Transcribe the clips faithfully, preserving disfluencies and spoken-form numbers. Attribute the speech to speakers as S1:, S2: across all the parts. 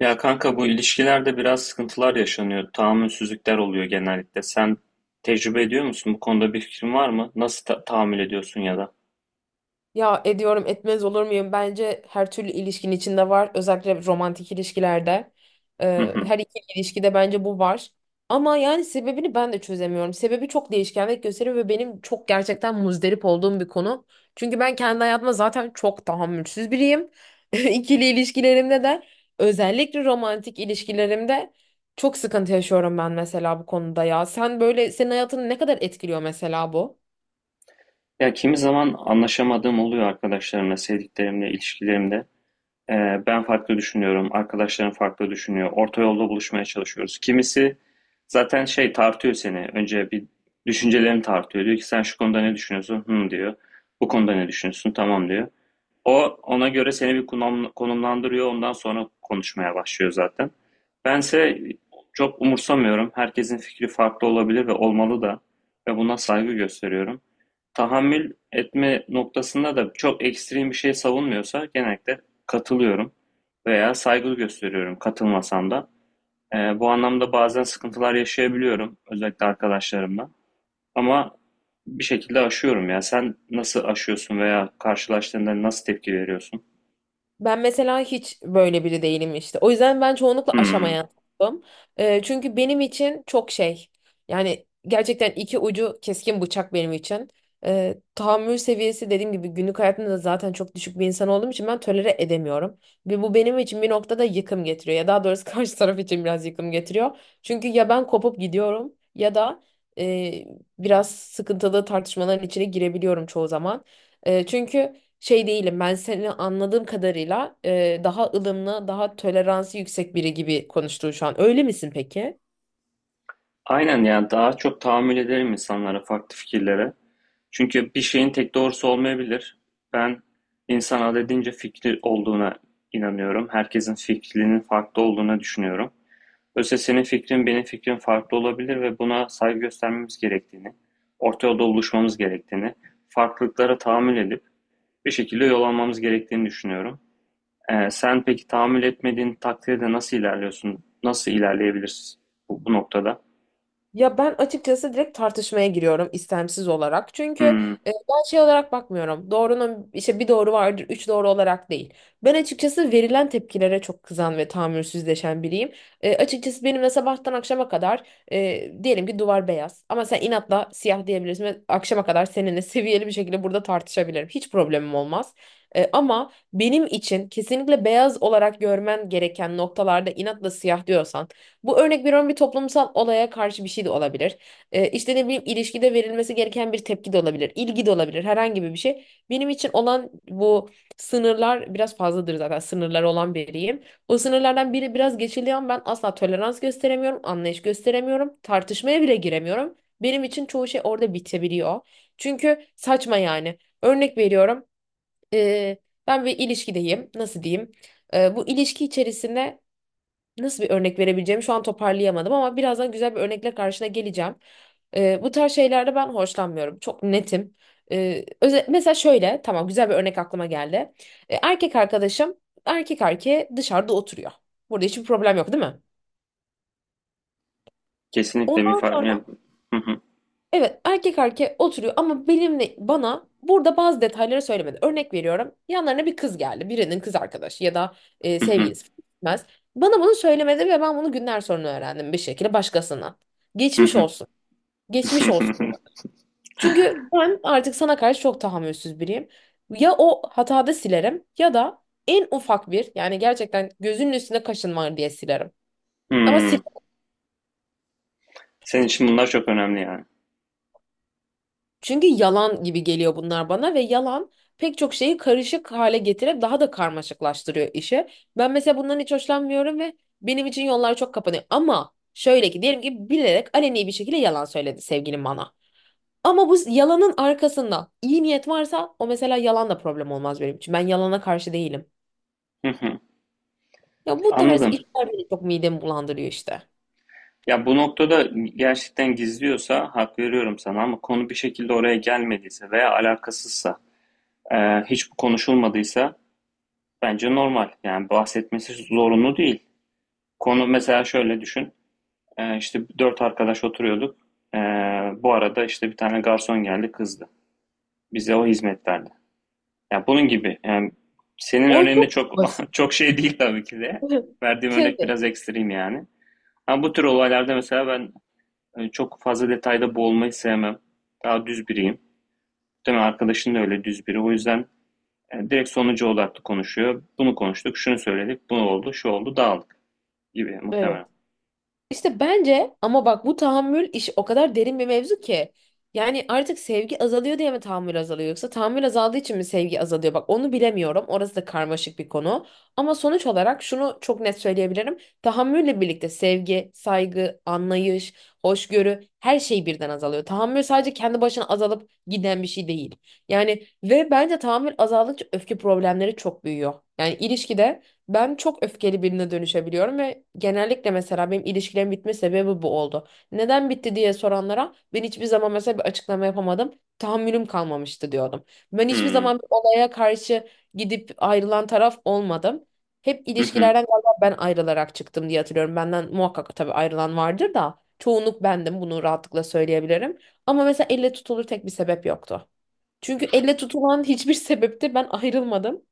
S1: Ya kanka bu ilişkilerde biraz sıkıntılar yaşanıyor. Tahammülsüzlükler oluyor genellikle. Sen tecrübe ediyor musun? Bu konuda bir fikrin var mı? Nasıl ta- tahammül ediyorsun ya da?
S2: Ya ediyorum etmez olur muyum? Bence her türlü ilişkinin içinde var. Özellikle romantik ilişkilerde.
S1: Hı
S2: Ee,
S1: hı.
S2: her iki ilişkide bence bu var. Ama yani sebebini ben de çözemiyorum. Sebebi çok değişkenlik gösteriyor ve benim çok gerçekten muzdarip olduğum bir konu. Çünkü ben kendi hayatıma zaten çok tahammülsüz biriyim. İkili ilişkilerimde de özellikle romantik ilişkilerimde çok sıkıntı yaşıyorum ben mesela bu konuda ya. Sen böyle senin hayatını ne kadar etkiliyor mesela bu?
S1: Ya kimi zaman anlaşamadığım oluyor arkadaşlarımla, sevdiklerimle, ilişkilerimde. Ee, Ben farklı düşünüyorum, arkadaşlarım farklı düşünüyor. Orta yolda buluşmaya çalışıyoruz. Kimisi zaten şey tartıyor seni. Önce bir düşüncelerini tartıyor. Diyor ki sen şu konuda ne düşünüyorsun? Hı diyor. Bu konuda ne düşünüyorsun? Tamam diyor. O ona göre seni bir konum- konumlandırıyor. Ondan sonra konuşmaya başlıyor zaten. Bense çok umursamıyorum. Herkesin fikri farklı olabilir ve olmalı da. Ve buna saygı gösteriyorum. Tahammül etme noktasında da çok ekstrem bir şey savunmuyorsa genellikle katılıyorum veya saygı gösteriyorum katılmasam da. Ee, bu anlamda bazen sıkıntılar yaşayabiliyorum özellikle arkadaşlarımla. Ama bir şekilde aşıyorum ya. Sen nasıl aşıyorsun veya karşılaştığında nasıl tepki veriyorsun?
S2: Ben mesela hiç böyle biri değilim işte. O yüzden ben çoğunlukla
S1: Hmm.
S2: aşamayan tarafım. Ee, çünkü benim için çok şey. Yani gerçekten iki ucu keskin bıçak benim için. Ee, tahammül seviyesi dediğim gibi günlük hayatımda da zaten çok düşük bir insan olduğum için ben tolere edemiyorum. Ve bu benim için bir noktada yıkım getiriyor. Ya daha doğrusu karşı taraf için biraz yıkım getiriyor. Çünkü ya ben kopup gidiyorum ya da e, biraz sıkıntılı tartışmaların içine girebiliyorum çoğu zaman. E, çünkü şey değilim. Ben seni anladığım kadarıyla e, daha ılımlı, daha toleransı yüksek biri gibi konuştun şu an. Öyle misin peki?
S1: Aynen, yani daha çok tahammül ederim insanlara, farklı fikirlere. Çünkü bir şeyin tek doğrusu olmayabilir. Ben insan adedince fikri olduğuna inanıyorum. Herkesin fikrinin farklı olduğuna düşünüyorum. Öyleyse senin fikrin benim fikrim farklı olabilir ve buna saygı göstermemiz gerektiğini, orta yolda buluşmamız gerektiğini, farklılıklara tahammül edip bir şekilde yol almamız gerektiğini düşünüyorum. Ee, sen peki tahammül etmediğin takdirde nasıl ilerliyorsun? Nasıl ilerleyebilirsin bu, bu noktada?
S2: Ya ben açıkçası direkt tartışmaya giriyorum istemsiz olarak. Çünkü e,
S1: Hmm.
S2: ben şey olarak bakmıyorum. Doğrunun işte bir doğru vardır, üç doğru olarak değil. Ben açıkçası verilen tepkilere çok kızan ve tahammülsüzleşen biriyim. E, açıkçası benimle sabahtan akşama kadar e, diyelim ki duvar beyaz ama sen inatla siyah diyebilirsin ve akşama kadar seninle seviyeli bir şekilde burada tartışabilirim. Hiç problemim olmaz. E, ama benim için kesinlikle beyaz olarak görmen gereken noktalarda inatla siyah diyorsan bu örnek veriyorum bir toplumsal olaya karşı bir şey de olabilir. Ee, işte ne bileyim ilişkide verilmesi gereken bir tepki de olabilir. İlgi de olabilir. Herhangi bir şey. Benim için olan bu sınırlar biraz fazladır zaten. Sınırlar olan biriyim. O sınırlardan biri biraz geçiliyor ama ben asla tolerans gösteremiyorum. Anlayış gösteremiyorum. Tartışmaya bile giremiyorum. Benim için çoğu şey orada bitebiliyor. Çünkü saçma yani. Örnek veriyorum. ee, Ben bir ilişkideyim. Nasıl diyeyim? Ee, bu ilişki içerisinde nasıl bir örnek verebileceğimi şu an toparlayamadım ama birazdan güzel bir örnekle karşına geleceğim. Ee, bu tarz şeylerde ben hoşlanmıyorum. Çok netim. Ee, öze- mesela şöyle, tamam güzel bir örnek aklıma geldi. Ee, erkek arkadaşım erkek erkeğe dışarıda oturuyor. Burada hiçbir problem yok, değil mi?
S1: Kesinlikle bir
S2: Ondan
S1: fark ya. Hı hı.
S2: evet, erkek erkeğe oturuyor ama benimle bana burada bazı detayları söylemedi. Örnek veriyorum yanlarına bir kız geldi. Birinin kız arkadaşı ya da e,
S1: Hı hı.
S2: sevgilisi gitmez. Bana bunu söylemedi ve ben bunu günler sonra öğrendim bir şekilde başkasına.
S1: Hı
S2: Geçmiş
S1: hı.
S2: olsun. Geçmiş olsun. Çünkü ben artık sana karşı çok tahammülsüz biriyim. Ya o hatada silerim ya da en ufak bir yani gerçekten gözünün üstüne kaşın var diye silerim. Ama
S1: Hımm.
S2: silerim.
S1: Senin için bunlar çok önemli yani.
S2: Çünkü yalan gibi geliyor bunlar bana ve yalan pek çok şeyi karışık hale getirip daha da karmaşıklaştırıyor işi. Ben mesela bundan hiç hoşlanmıyorum ve benim için yollar çok kapanıyor. Ama şöyle ki diyelim ki bilerek aleni bir şekilde yalan söyledi sevgilim bana. Ama bu yalanın arkasında iyi niyet varsa o mesela yalan da problem olmaz benim için. Ben yalana karşı değilim.
S1: Hı hı.
S2: Ya bu tarz
S1: Anladım.
S2: işler beni çok midemi bulandırıyor işte.
S1: Ya, bu noktada gerçekten gizliyorsa hak veriyorum sana, ama konu bir şekilde oraya gelmediyse veya alakasızsa, eee, hiç konuşulmadıysa bence normal. Yani bahsetmesi zorunlu değil. Konu mesela şöyle düşün, eee, işte dört arkadaş oturuyorduk. Eee, bu arada, işte, bir tane garson geldi, kızdı. Bize o hizmet verdi. Ya bunun gibi. Yani senin
S2: O
S1: örneğinde
S2: çok
S1: çok
S2: basit.
S1: çok şey değil tabii ki de. Verdiğim örnek
S2: Tabii.
S1: biraz ekstrem yani. Ama bu tür olaylarda mesela ben e, çok fazla detayda boğulmayı sevmem. Daha düz biriyim. Değil mi? Arkadaşın da öyle düz biri. O yüzden e, direkt sonuca odaklı konuşuyor. Bunu konuştuk, şunu söyledik, bu oldu, şu oldu, dağıldık gibi muhtemelen.
S2: Evet. İşte bence ama bak bu tahammül iş o kadar derin bir mevzu ki. Yani artık sevgi azalıyor diye mi tahammül azalıyor yoksa tahammül azaldığı için mi sevgi azalıyor? Bak onu bilemiyorum. Orası da karmaşık bir konu. Ama sonuç olarak şunu çok net söyleyebilirim. Tahammülle birlikte sevgi, saygı, anlayış, hoşgörü her şey birden azalıyor. Tahammül sadece kendi başına azalıp giden bir şey değil. Yani ve bence tahammül azaldıkça öfke problemleri çok büyüyor. Yani ilişkide ben çok öfkeli birine dönüşebiliyorum ve genellikle mesela benim ilişkilerim bitme sebebi bu oldu. Neden bitti diye soranlara ben hiçbir zaman mesela bir açıklama yapamadım. Tahammülüm kalmamıştı diyordum. Ben hiçbir
S1: Hmm.
S2: zaman bir olaya karşı gidip ayrılan taraf olmadım. Hep
S1: Hı hı.
S2: ilişkilerden galiba ben ayrılarak çıktım diye hatırlıyorum. Benden muhakkak tabii ayrılan vardır da çoğunluk bendim bunu rahatlıkla söyleyebilirim. Ama mesela elle tutulur tek bir sebep yoktu. Çünkü elle tutulan hiçbir sebepte ben ayrılmadım.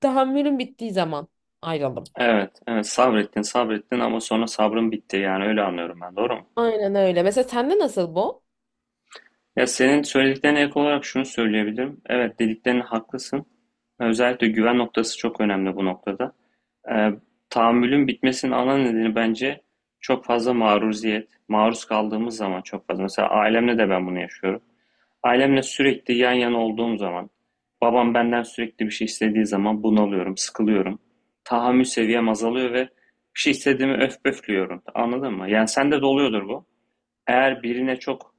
S2: Tahammülüm bittiği zaman ayrıldım.
S1: Evet, evet, sabrettin, sabrettin ama sonra sabrın bitti, yani öyle anlıyorum ben. Doğru mu?
S2: Aynen öyle. Mesela sende nasıl bu?
S1: Ya senin söylediklerine ek olarak şunu söyleyebilirim. Evet, dediklerine haklısın. Özellikle güven noktası çok önemli bu noktada. Ee, Tahammülün bitmesinin ana nedeni bence çok fazla maruziyet. Maruz kaldığımız zaman çok fazla. Mesela ailemle de ben bunu yaşıyorum. Ailemle sürekli yan yana olduğum zaman, babam benden sürekli bir şey istediği zaman bunalıyorum, sıkılıyorum. Tahammül seviyem azalıyor ve bir şey istediğimi öf pöflüyorum. Anladın mı? Yani sende de oluyordur bu. Eğer birine çok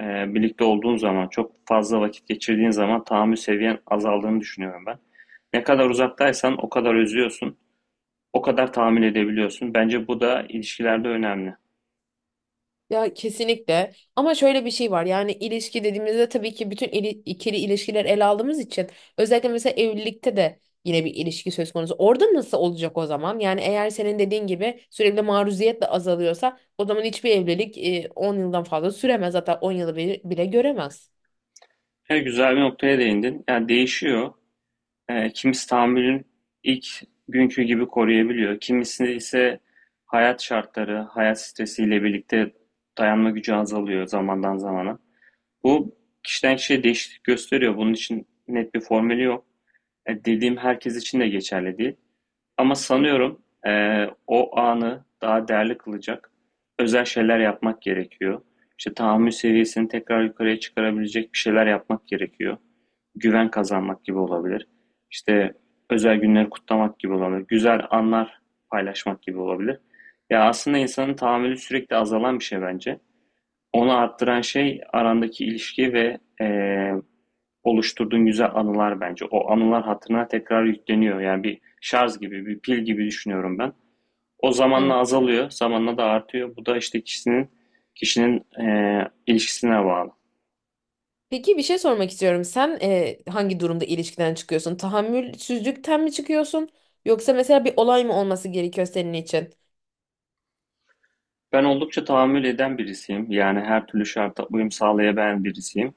S1: Eee, birlikte olduğun zaman, çok fazla vakit geçirdiğin zaman tahammül seviyen azaldığını düşünüyorum ben. Ne kadar uzaktaysan o kadar özlüyorsun, o kadar tahammül edebiliyorsun. Bence bu da ilişkilerde önemli.
S2: Ya kesinlikle. Ama şöyle bir şey var. Yani ilişki dediğimizde tabii ki bütün ili- ikili ilişkiler ele aldığımız için özellikle mesela evlilikte de yine bir ilişki söz konusu. Orada nasıl olacak o zaman? Yani eğer senin dediğin gibi sürekli maruziyet de azalıyorsa o zaman hiçbir evlilik e, on yıldan fazla süremez. Hatta on yılı bile, bile göremez.
S1: E, güzel bir noktaya değindin. Yani değişiyor. E, kimisi tahammülün ilk günkü gibi koruyabiliyor. Kimisi ise hayat şartları, hayat stresiyle birlikte dayanma gücü azalıyor zamandan zamana. Bu kişiden kişiye değişiklik gösteriyor. Bunun için net bir formülü yok. E, dediğim herkes için de geçerli değil. Ama sanıyorum e, o anı daha değerli kılacak özel şeyler yapmak gerekiyor. İşte tahammül seviyesini tekrar yukarıya çıkarabilecek bir şeyler yapmak gerekiyor. Güven kazanmak gibi olabilir. İşte özel günleri kutlamak gibi olabilir. Güzel anlar paylaşmak gibi olabilir. Ya aslında insanın tahammülü sürekli azalan bir şey bence. Onu arttıran şey arandaki ilişki ve e, oluşturduğun güzel anılar bence. O anılar hatırına tekrar yükleniyor. Yani bir şarj gibi, bir pil gibi düşünüyorum ben. O zamanla azalıyor, zamanla da artıyor. Bu da işte kişinin kişinin eee, ilişkisine bağlı.
S2: Peki bir şey sormak istiyorum. Sen e, hangi durumda ilişkiden çıkıyorsun? Tahammülsüzlükten mi çıkıyorsun? Yoksa mesela bir olay mı olması gerekiyor senin için?
S1: Ben oldukça tahammül eden birisiyim. Yani her türlü şarta uyum sağlayabilen birisiyim.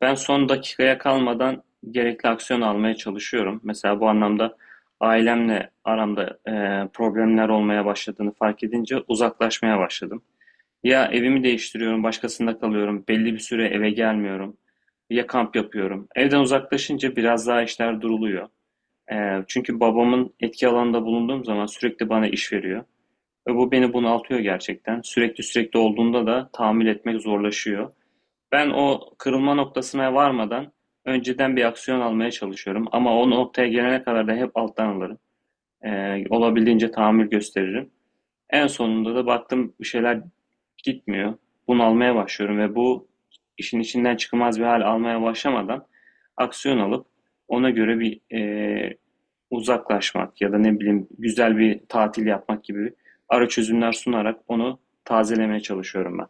S1: Ben son dakikaya kalmadan gerekli aksiyon almaya çalışıyorum. Mesela bu anlamda ailemle aramda eee, problemler olmaya başladığını fark edince uzaklaşmaya başladım. Ya evimi değiştiriyorum, başkasında kalıyorum, belli bir süre eve gelmiyorum. Ya kamp yapıyorum. Evden uzaklaşınca biraz daha işler duruluyor. Ee, çünkü babamın etki alanında bulunduğum zaman sürekli bana iş veriyor. Ve bu beni bunaltıyor gerçekten. Sürekli sürekli olduğunda da tahammül etmek zorlaşıyor. Ben o kırılma noktasına varmadan önceden bir aksiyon almaya çalışıyorum. Ama o noktaya gelene kadar da hep alttan alırım. Ee, olabildiğince tahammül gösteririm. En sonunda da baktım bir şeyler gitmiyor. Bunalmaya başlıyorum ve bu işin içinden çıkılmaz bir hal almaya başlamadan aksiyon alıp ona göre bir e, uzaklaşmak ya da ne bileyim güzel bir tatil yapmak gibi ara çözümler sunarak onu tazelemeye çalışıyorum ben.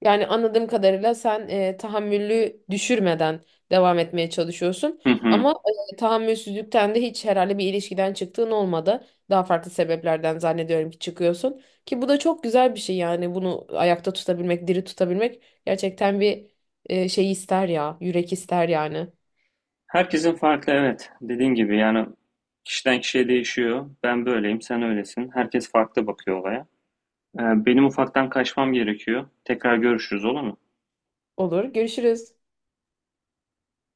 S2: Yani anladığım kadarıyla sen e, tahammülü düşürmeden devam etmeye çalışıyorsun.
S1: Hı hı.
S2: Ama e, tahammülsüzlükten de hiç herhalde bir ilişkiden çıktığın olmadı. Daha farklı sebeplerden zannediyorum ki çıkıyorsun. Ki bu da çok güzel bir şey yani bunu ayakta tutabilmek, diri tutabilmek gerçekten bir e, şey ister ya, yürek ister yani.
S1: Herkesin farklı, evet. Dediğin gibi yani kişiden kişiye değişiyor. Ben böyleyim, sen öylesin. Herkes farklı bakıyor olaya. Ee, benim ufaktan kaçmam gerekiyor. Tekrar görüşürüz, olur mu?
S2: Olur, görüşürüz.